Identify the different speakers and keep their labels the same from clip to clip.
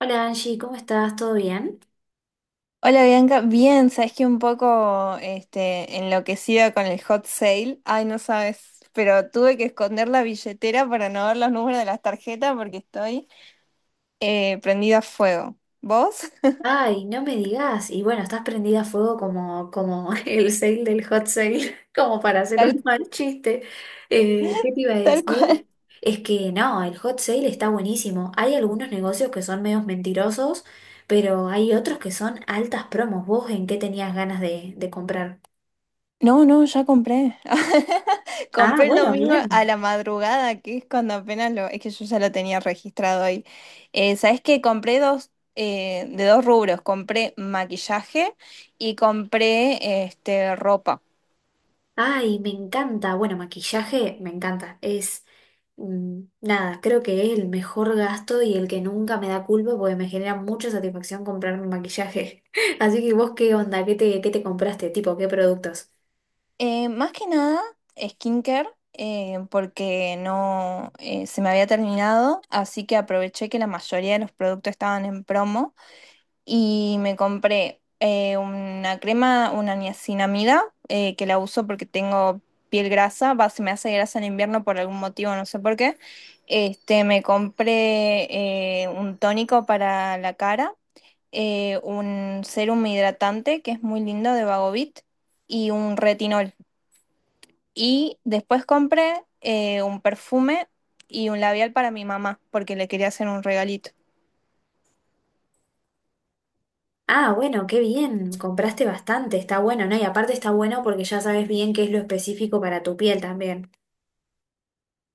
Speaker 1: Hola Angie, ¿cómo estás? ¿Todo bien?
Speaker 2: Hola Bianca, bien, sabes que un poco enloquecida con el hot sale. Ay, no sabes, pero tuve que esconder la billetera para no ver los números de las tarjetas porque estoy prendida a fuego. ¿Vos?
Speaker 1: Ay, no me digas. Y bueno, estás prendida a fuego como, como el sale del hot sale, como para hacer
Speaker 2: Tal,
Speaker 1: un mal chiste. ¿Qué te iba a
Speaker 2: tal
Speaker 1: decir?
Speaker 2: cual.
Speaker 1: Es que no, el hot sale está buenísimo. Hay algunos negocios que son medios mentirosos, pero hay otros que son altas promos. ¿Vos en qué tenías ganas de comprar?
Speaker 2: No, no, ya compré.
Speaker 1: Ah,
Speaker 2: Compré el
Speaker 1: bueno,
Speaker 2: domingo a
Speaker 1: bien.
Speaker 2: la madrugada, que es cuando apenas lo... Es que yo ya lo tenía registrado ahí. ¿Sabes qué? Compré dos, de dos rubros. Compré maquillaje y compré ropa.
Speaker 1: Ay, me encanta. Bueno, maquillaje, me encanta. Nada, creo que es el mejor gasto y el que nunca me da culpa porque me genera mucha satisfacción comprarme maquillaje. Así que vos, ¿qué onda? ¿Qué qué te compraste? Tipo, ¿qué productos?
Speaker 2: Más que nada, skincare, porque no se me había terminado, así que aproveché que la mayoría de los productos estaban en promo y me compré una crema, una niacinamida, que la uso porque tengo piel grasa, va, se me hace grasa en invierno por algún motivo, no sé por qué. Me compré un tónico para la cara, un serum hidratante que es muy lindo de Bagovit y un retinol. Y después compré un perfume y un labial para mi mamá, porque le quería hacer un regalito.
Speaker 1: Ah, bueno, qué bien. Compraste bastante. Está bueno, ¿no? Y aparte está bueno porque ya sabes bien qué es lo específico para tu piel también.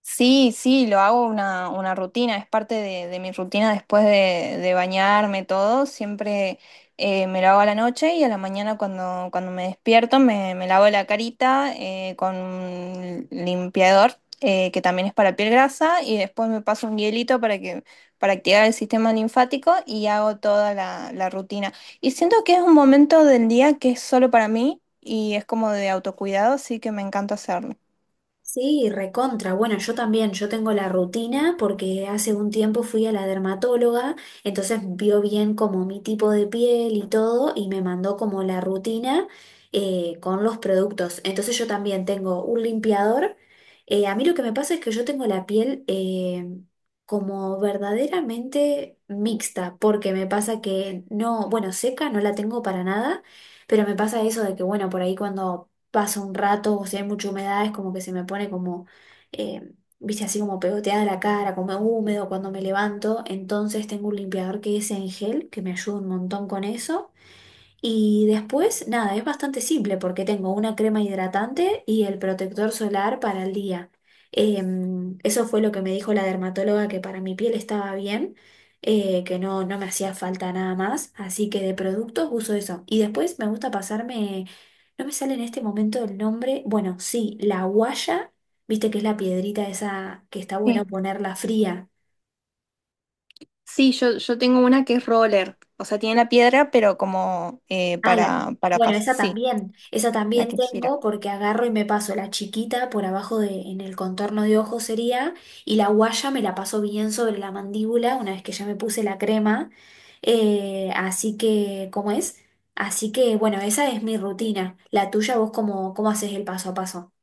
Speaker 2: Sí, sí, lo hago una rutina, es parte de mi rutina después de bañarme todo, siempre me lo hago a la noche y a la mañana cuando, cuando me despierto me lavo la carita con un limpiador que también es para piel grasa y después me paso un hielito para que, para activar el sistema linfático y hago toda la rutina. Y siento que es un momento del día que es solo para mí y es como de autocuidado, así que me encanta hacerlo.
Speaker 1: Sí, recontra. Bueno, yo también, yo tengo la rutina porque hace un tiempo fui a la dermatóloga, entonces vio bien como mi tipo de piel y todo y me mandó como la rutina con los productos. Entonces yo también tengo un limpiador. A mí lo que me pasa es que yo tengo la piel como verdaderamente mixta, porque me pasa que no, bueno, seca no la tengo para nada, pero me pasa eso de que, bueno, por ahí cuando pasa un rato o si hay mucha humedad es como que se me pone como, eh, viste, así como pegoteada la cara, como húmedo cuando me levanto. Entonces tengo un limpiador que es en gel, que me ayuda un montón con eso. Y después, nada, es bastante simple porque tengo una crema hidratante y el protector solar para el día. Eso fue lo que me dijo la dermatóloga que para mi piel estaba bien, que no me hacía falta nada más, así que de productos uso eso. Y después me gusta pasarme, no me sale en este momento el nombre, bueno, sí, la guaya, viste que es la piedrita esa que está buena ponerla fría.
Speaker 2: Sí, yo tengo una que es roller, o sea, tiene la piedra, pero como
Speaker 1: Ah, la que.
Speaker 2: para
Speaker 1: Bueno,
Speaker 2: sí,
Speaker 1: esa
Speaker 2: la
Speaker 1: también
Speaker 2: que gira.
Speaker 1: tengo porque agarro y me paso la chiquita por abajo de, en el contorno de ojo sería, y la guaya me la paso bien sobre la mandíbula una vez que ya me puse la crema. Así que, ¿cómo es? Así que, bueno, esa es mi rutina. La tuya, vos cómo, cómo haces el paso a paso.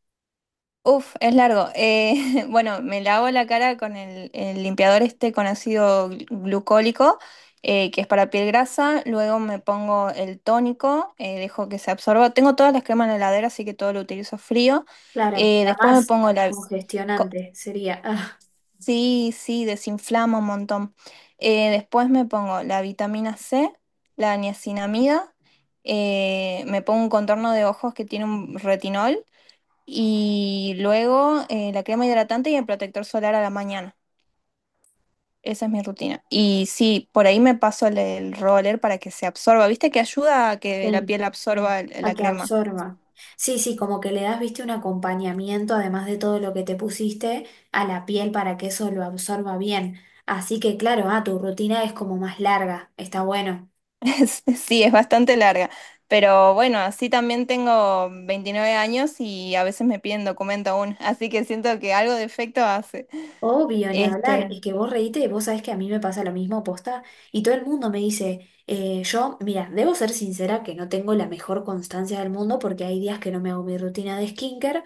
Speaker 2: Uf, es largo. Bueno, me lavo la cara con el limpiador este con ácido glucólico, que es para piel grasa, luego me pongo el tónico, dejo que se absorba. Tengo todas las cremas en la heladera, así que todo lo utilizo frío.
Speaker 1: Claro, la
Speaker 2: Después me
Speaker 1: más
Speaker 2: pongo la...
Speaker 1: congestionante sería.
Speaker 2: Sí, sí, desinflama un montón. Después me pongo la vitamina C, la niacinamida, me pongo un contorno de ojos que tiene un retinol y luego la crema hidratante y el protector solar a la mañana. Esa es mi rutina. Y sí, por ahí me paso el roller para que se absorba. ¿Viste que ayuda a
Speaker 1: Ah,
Speaker 2: que la
Speaker 1: sí.
Speaker 2: piel absorba
Speaker 1: A
Speaker 2: la
Speaker 1: que
Speaker 2: crema?
Speaker 1: absorba. Sí, sí, como que le das, viste, un acompañamiento, además de todo lo que te pusiste, a la piel para que eso lo absorba bien. Así que claro, ah, tu rutina es como más larga, está bueno.
Speaker 2: Sí, es bastante larga, pero bueno, así también tengo 29 años y a veces me piden documento aún, así que siento que algo de efecto hace.
Speaker 1: Obvio, ni hablar,
Speaker 2: Este,
Speaker 1: es que vos reíte y vos sabés que a mí me pasa lo mismo, posta, y todo el mundo me dice, yo, mira, debo ser sincera que no tengo la mejor constancia del mundo porque hay días que no me hago mi rutina de skincare.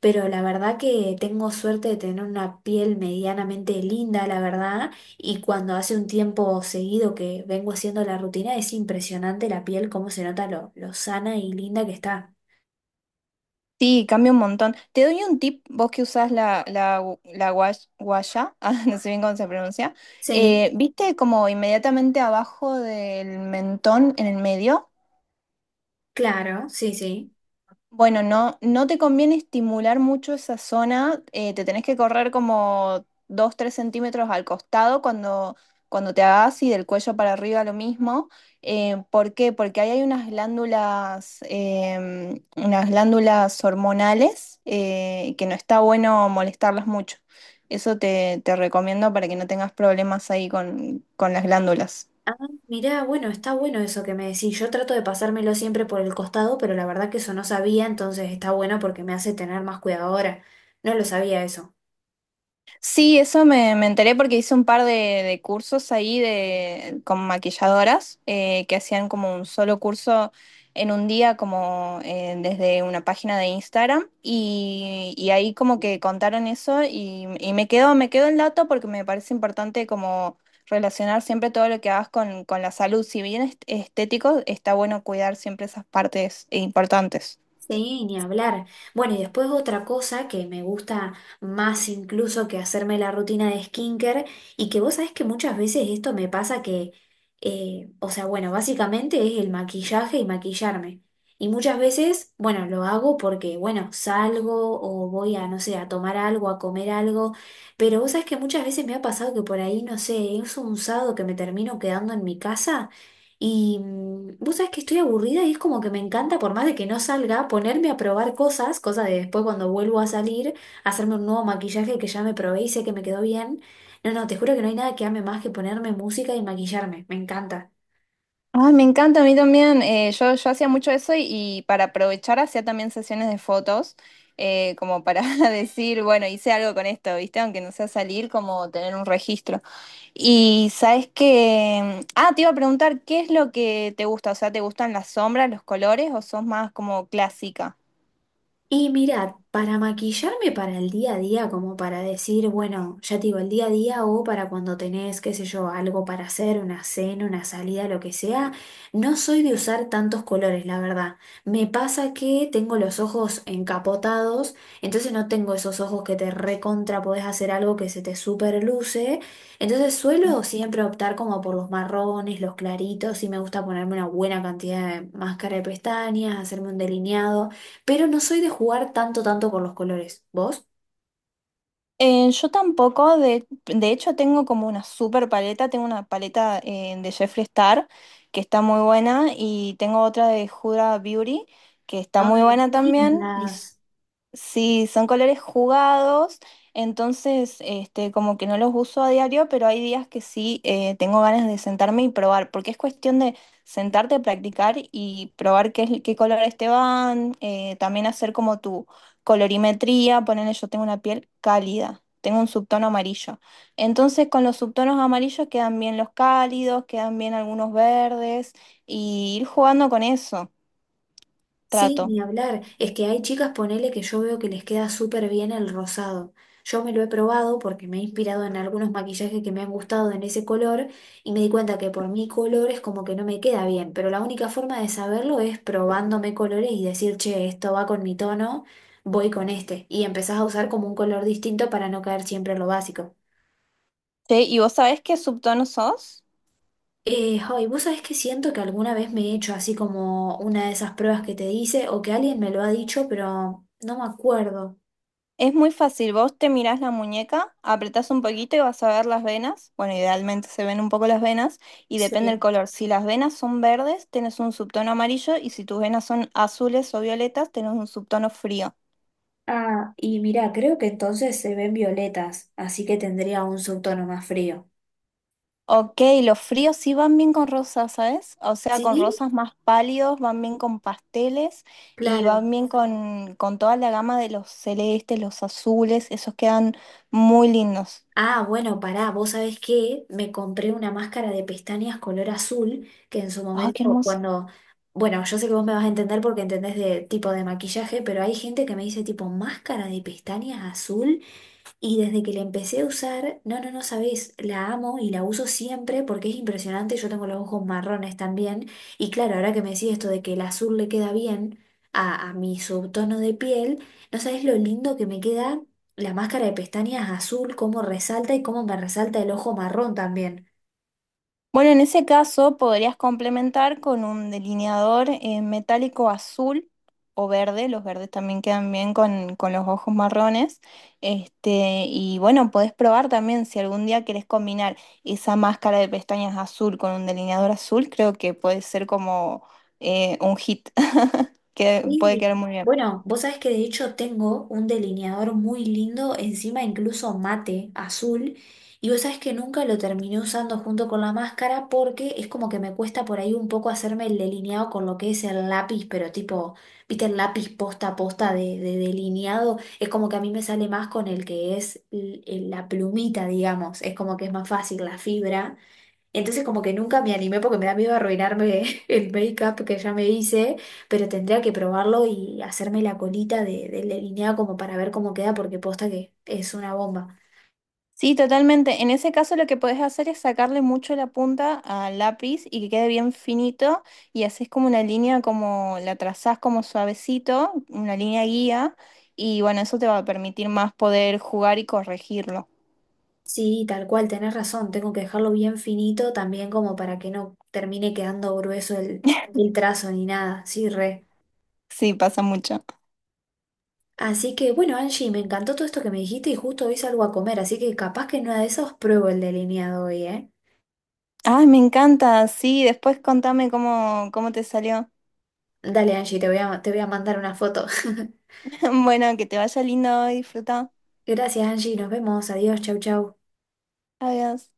Speaker 1: Pero la verdad que tengo suerte de tener una piel medianamente linda, la verdad, y cuando hace un tiempo seguido que vengo haciendo la rutina, es impresionante la piel, cómo se nota lo sana y linda que está.
Speaker 2: sí, cambia un montón. Te doy un tip, vos que usás la guaya, ah, no sé bien cómo se pronuncia,
Speaker 1: Sí,
Speaker 2: ¿viste como inmediatamente abajo del mentón, en el medio?
Speaker 1: claro, sí, sí.
Speaker 2: Bueno, no, no te conviene estimular mucho esa zona, te tenés que correr como dos, tres centímetros al costado cuando, cuando te hagas y del cuello para arriba lo mismo. ¿Por qué? Porque ahí hay unas glándulas, unas glándulas hormonales que no está bueno molestarlas mucho. Eso te recomiendo para que no tengas problemas ahí con las glándulas.
Speaker 1: Ah, mirá, bueno, está bueno eso que me decís. Yo trato de pasármelo siempre por el costado, pero la verdad que eso no sabía, entonces está bueno porque me hace tener más cuidado ahora. No lo sabía eso.
Speaker 2: Sí, eso me enteré porque hice un par de cursos ahí de, con maquilladoras que hacían como un solo curso en un día como desde una página de Instagram y ahí como que contaron eso y me quedó el dato porque me parece importante como relacionar siempre todo lo que hagas con la salud. Si bien estético, está bueno cuidar siempre esas partes importantes.
Speaker 1: Sí, ni hablar. Bueno, y después otra cosa que me gusta más incluso que hacerme la rutina de skincare y que vos sabés que muchas veces esto me pasa que, o sea, bueno, básicamente es el maquillaje y maquillarme. Y muchas veces, bueno, lo hago porque, bueno, salgo o voy a, no sé, a tomar algo, a comer algo, pero vos sabés que muchas veces me ha pasado que por ahí, no sé, es un sábado que me termino quedando en mi casa. Vos sabés que estoy aburrida y es como que me encanta, por más de que no salga, ponerme a probar cosas, cosa de después cuando vuelvo a salir, hacerme un nuevo maquillaje que ya me probé y sé que me quedó bien. No, no, te juro que no hay nada que ame más que ponerme música y maquillarme, me encanta.
Speaker 2: Ay, me encanta, a mí también. Yo hacía mucho eso y para aprovechar hacía también sesiones de fotos, como para decir, bueno, hice algo con esto, ¿viste? Aunque no sea salir, como tener un registro. Y sabes que, ah, te iba a preguntar, ¿qué es lo que te gusta? O sea, ¿te gustan las sombras, los colores o sos más como clásica?
Speaker 1: Y mirad, para maquillarme para el día a día, como para decir, bueno, ya te digo, el día a día o para cuando tenés, qué sé yo, algo para hacer, una cena, una salida, lo que sea, no soy de usar tantos colores, la verdad. Me pasa que tengo los ojos encapotados, entonces no tengo esos ojos que te recontra, podés hacer algo que se te superluce. Entonces suelo siempre optar como por los marrones, los claritos, y me gusta ponerme una buena cantidad de máscara de pestañas, hacerme un delineado. Pero no soy de jugar tanto, tanto con los colores. ¿Vos?
Speaker 2: Yo tampoco, de hecho tengo como una super paleta, tengo una paleta de Jeffree Star que está muy buena y tengo otra de Huda Beauty que está muy
Speaker 1: Ay,
Speaker 2: buena
Speaker 1: qué
Speaker 2: también.
Speaker 1: lindas.
Speaker 2: Sí, son colores jugados, entonces como que no los uso a diario, pero hay días que sí tengo ganas de sentarme y probar, porque es cuestión de sentarte, practicar y probar qué, qué colores te van, también hacer como tu colorimetría, ponerle yo tengo una piel cálida, tengo un subtono amarillo. Entonces con los subtonos amarillos quedan bien los cálidos, quedan bien algunos verdes, y ir jugando con eso,
Speaker 1: Sí,
Speaker 2: trato.
Speaker 1: ni hablar. Es que hay chicas, ponele, que yo veo que les queda súper bien el rosado. Yo me lo he probado porque me he inspirado en algunos maquillajes que me han gustado en ese color y me di cuenta que por mi color es como que no me queda bien. Pero la única forma de saberlo es probándome colores y decir, che, esto va con mi tono, voy con este. Y empezás a usar como un color distinto para no caer siempre en lo básico.
Speaker 2: ¿Sí? ¿Y vos sabés qué subtono sos?
Speaker 1: Ay, vos sabés que siento que alguna vez me he hecho así como una de esas pruebas que te dice o que alguien me lo ha dicho, pero no me acuerdo.
Speaker 2: Es muy fácil, vos te mirás la muñeca, apretás un poquito y vas a ver las venas. Bueno, idealmente se ven un poco las venas y depende del
Speaker 1: Sí.
Speaker 2: color. Si las venas son verdes, tenés un subtono amarillo y si tus venas son azules o violetas, tenés un subtono frío.
Speaker 1: Ah, y mira, creo que entonces se ven violetas, así que tendría un subtono más frío.
Speaker 2: Ok, los fríos sí van bien con rosas, ¿sabes? O sea, con
Speaker 1: ¿Sí?
Speaker 2: rosas más pálidos, van bien con pasteles y
Speaker 1: Claro.
Speaker 2: van bien con toda la gama de los celestes, los azules, esos quedan muy lindos.
Speaker 1: Ah, bueno, pará, vos sabés que me compré una máscara de pestañas color azul, que en su
Speaker 2: ¡Ah, qué
Speaker 1: momento
Speaker 2: hermoso!
Speaker 1: cuando, bueno, yo sé que vos me vas a entender porque entendés de tipo de maquillaje, pero hay gente que me dice tipo máscara de pestañas azul. Y desde que la empecé a usar, no, no, no sabés, la amo y la uso siempre porque es impresionante. Yo tengo los ojos marrones también. Y claro, ahora que me decís esto de que el azul le queda bien a mi subtono de piel, no sabés lo lindo que me queda la máscara de pestañas azul, cómo resalta y cómo me resalta el ojo marrón también.
Speaker 2: Bueno, en ese caso podrías complementar con un delineador metálico azul o verde, los verdes también quedan bien con los ojos marrones. Y bueno, podés probar también si algún día querés combinar esa máscara de pestañas azul con un delineador azul, creo que puede ser como un hit, que puede
Speaker 1: Sí.
Speaker 2: quedar muy bien.
Speaker 1: Bueno, vos sabés que de hecho tengo un delineador muy lindo, encima incluso mate, azul, y vos sabés que nunca lo terminé usando junto con la máscara porque es como que me cuesta por ahí un poco hacerme el delineado con lo que es el lápiz, pero tipo, viste el lápiz posta a posta de delineado, es como que a mí me sale más con el que es la plumita, digamos, es como que es más fácil la fibra. Entonces como que nunca me animé porque me da miedo arruinarme el make-up que ya me hice, pero tendría que probarlo y hacerme la colita de delineada como para ver cómo queda porque posta que es una bomba.
Speaker 2: Sí, totalmente. En ese caso lo que podés hacer es sacarle mucho la punta al lápiz y que quede bien finito y haces como una línea como la trazás como suavecito, una línea guía y bueno, eso te va a permitir más poder jugar y corregirlo.
Speaker 1: Sí, tal cual, tenés razón, tengo que dejarlo bien finito también como para que no termine quedando grueso el trazo ni nada, sí, re.
Speaker 2: Sí, pasa mucho.
Speaker 1: Así que bueno, Angie, me encantó todo esto que me dijiste y justo hoy salgo a comer, así que capaz que en una de esas pruebo el delineado hoy, ¿eh?
Speaker 2: Ay, me encanta. Sí, después contame cómo, cómo te salió.
Speaker 1: Dale, Angie, te voy a mandar una foto.
Speaker 2: Bueno, que te vaya lindo y disfruta.
Speaker 1: Gracias, Angie. Nos vemos. Adiós. Chau, chau.
Speaker 2: Adiós.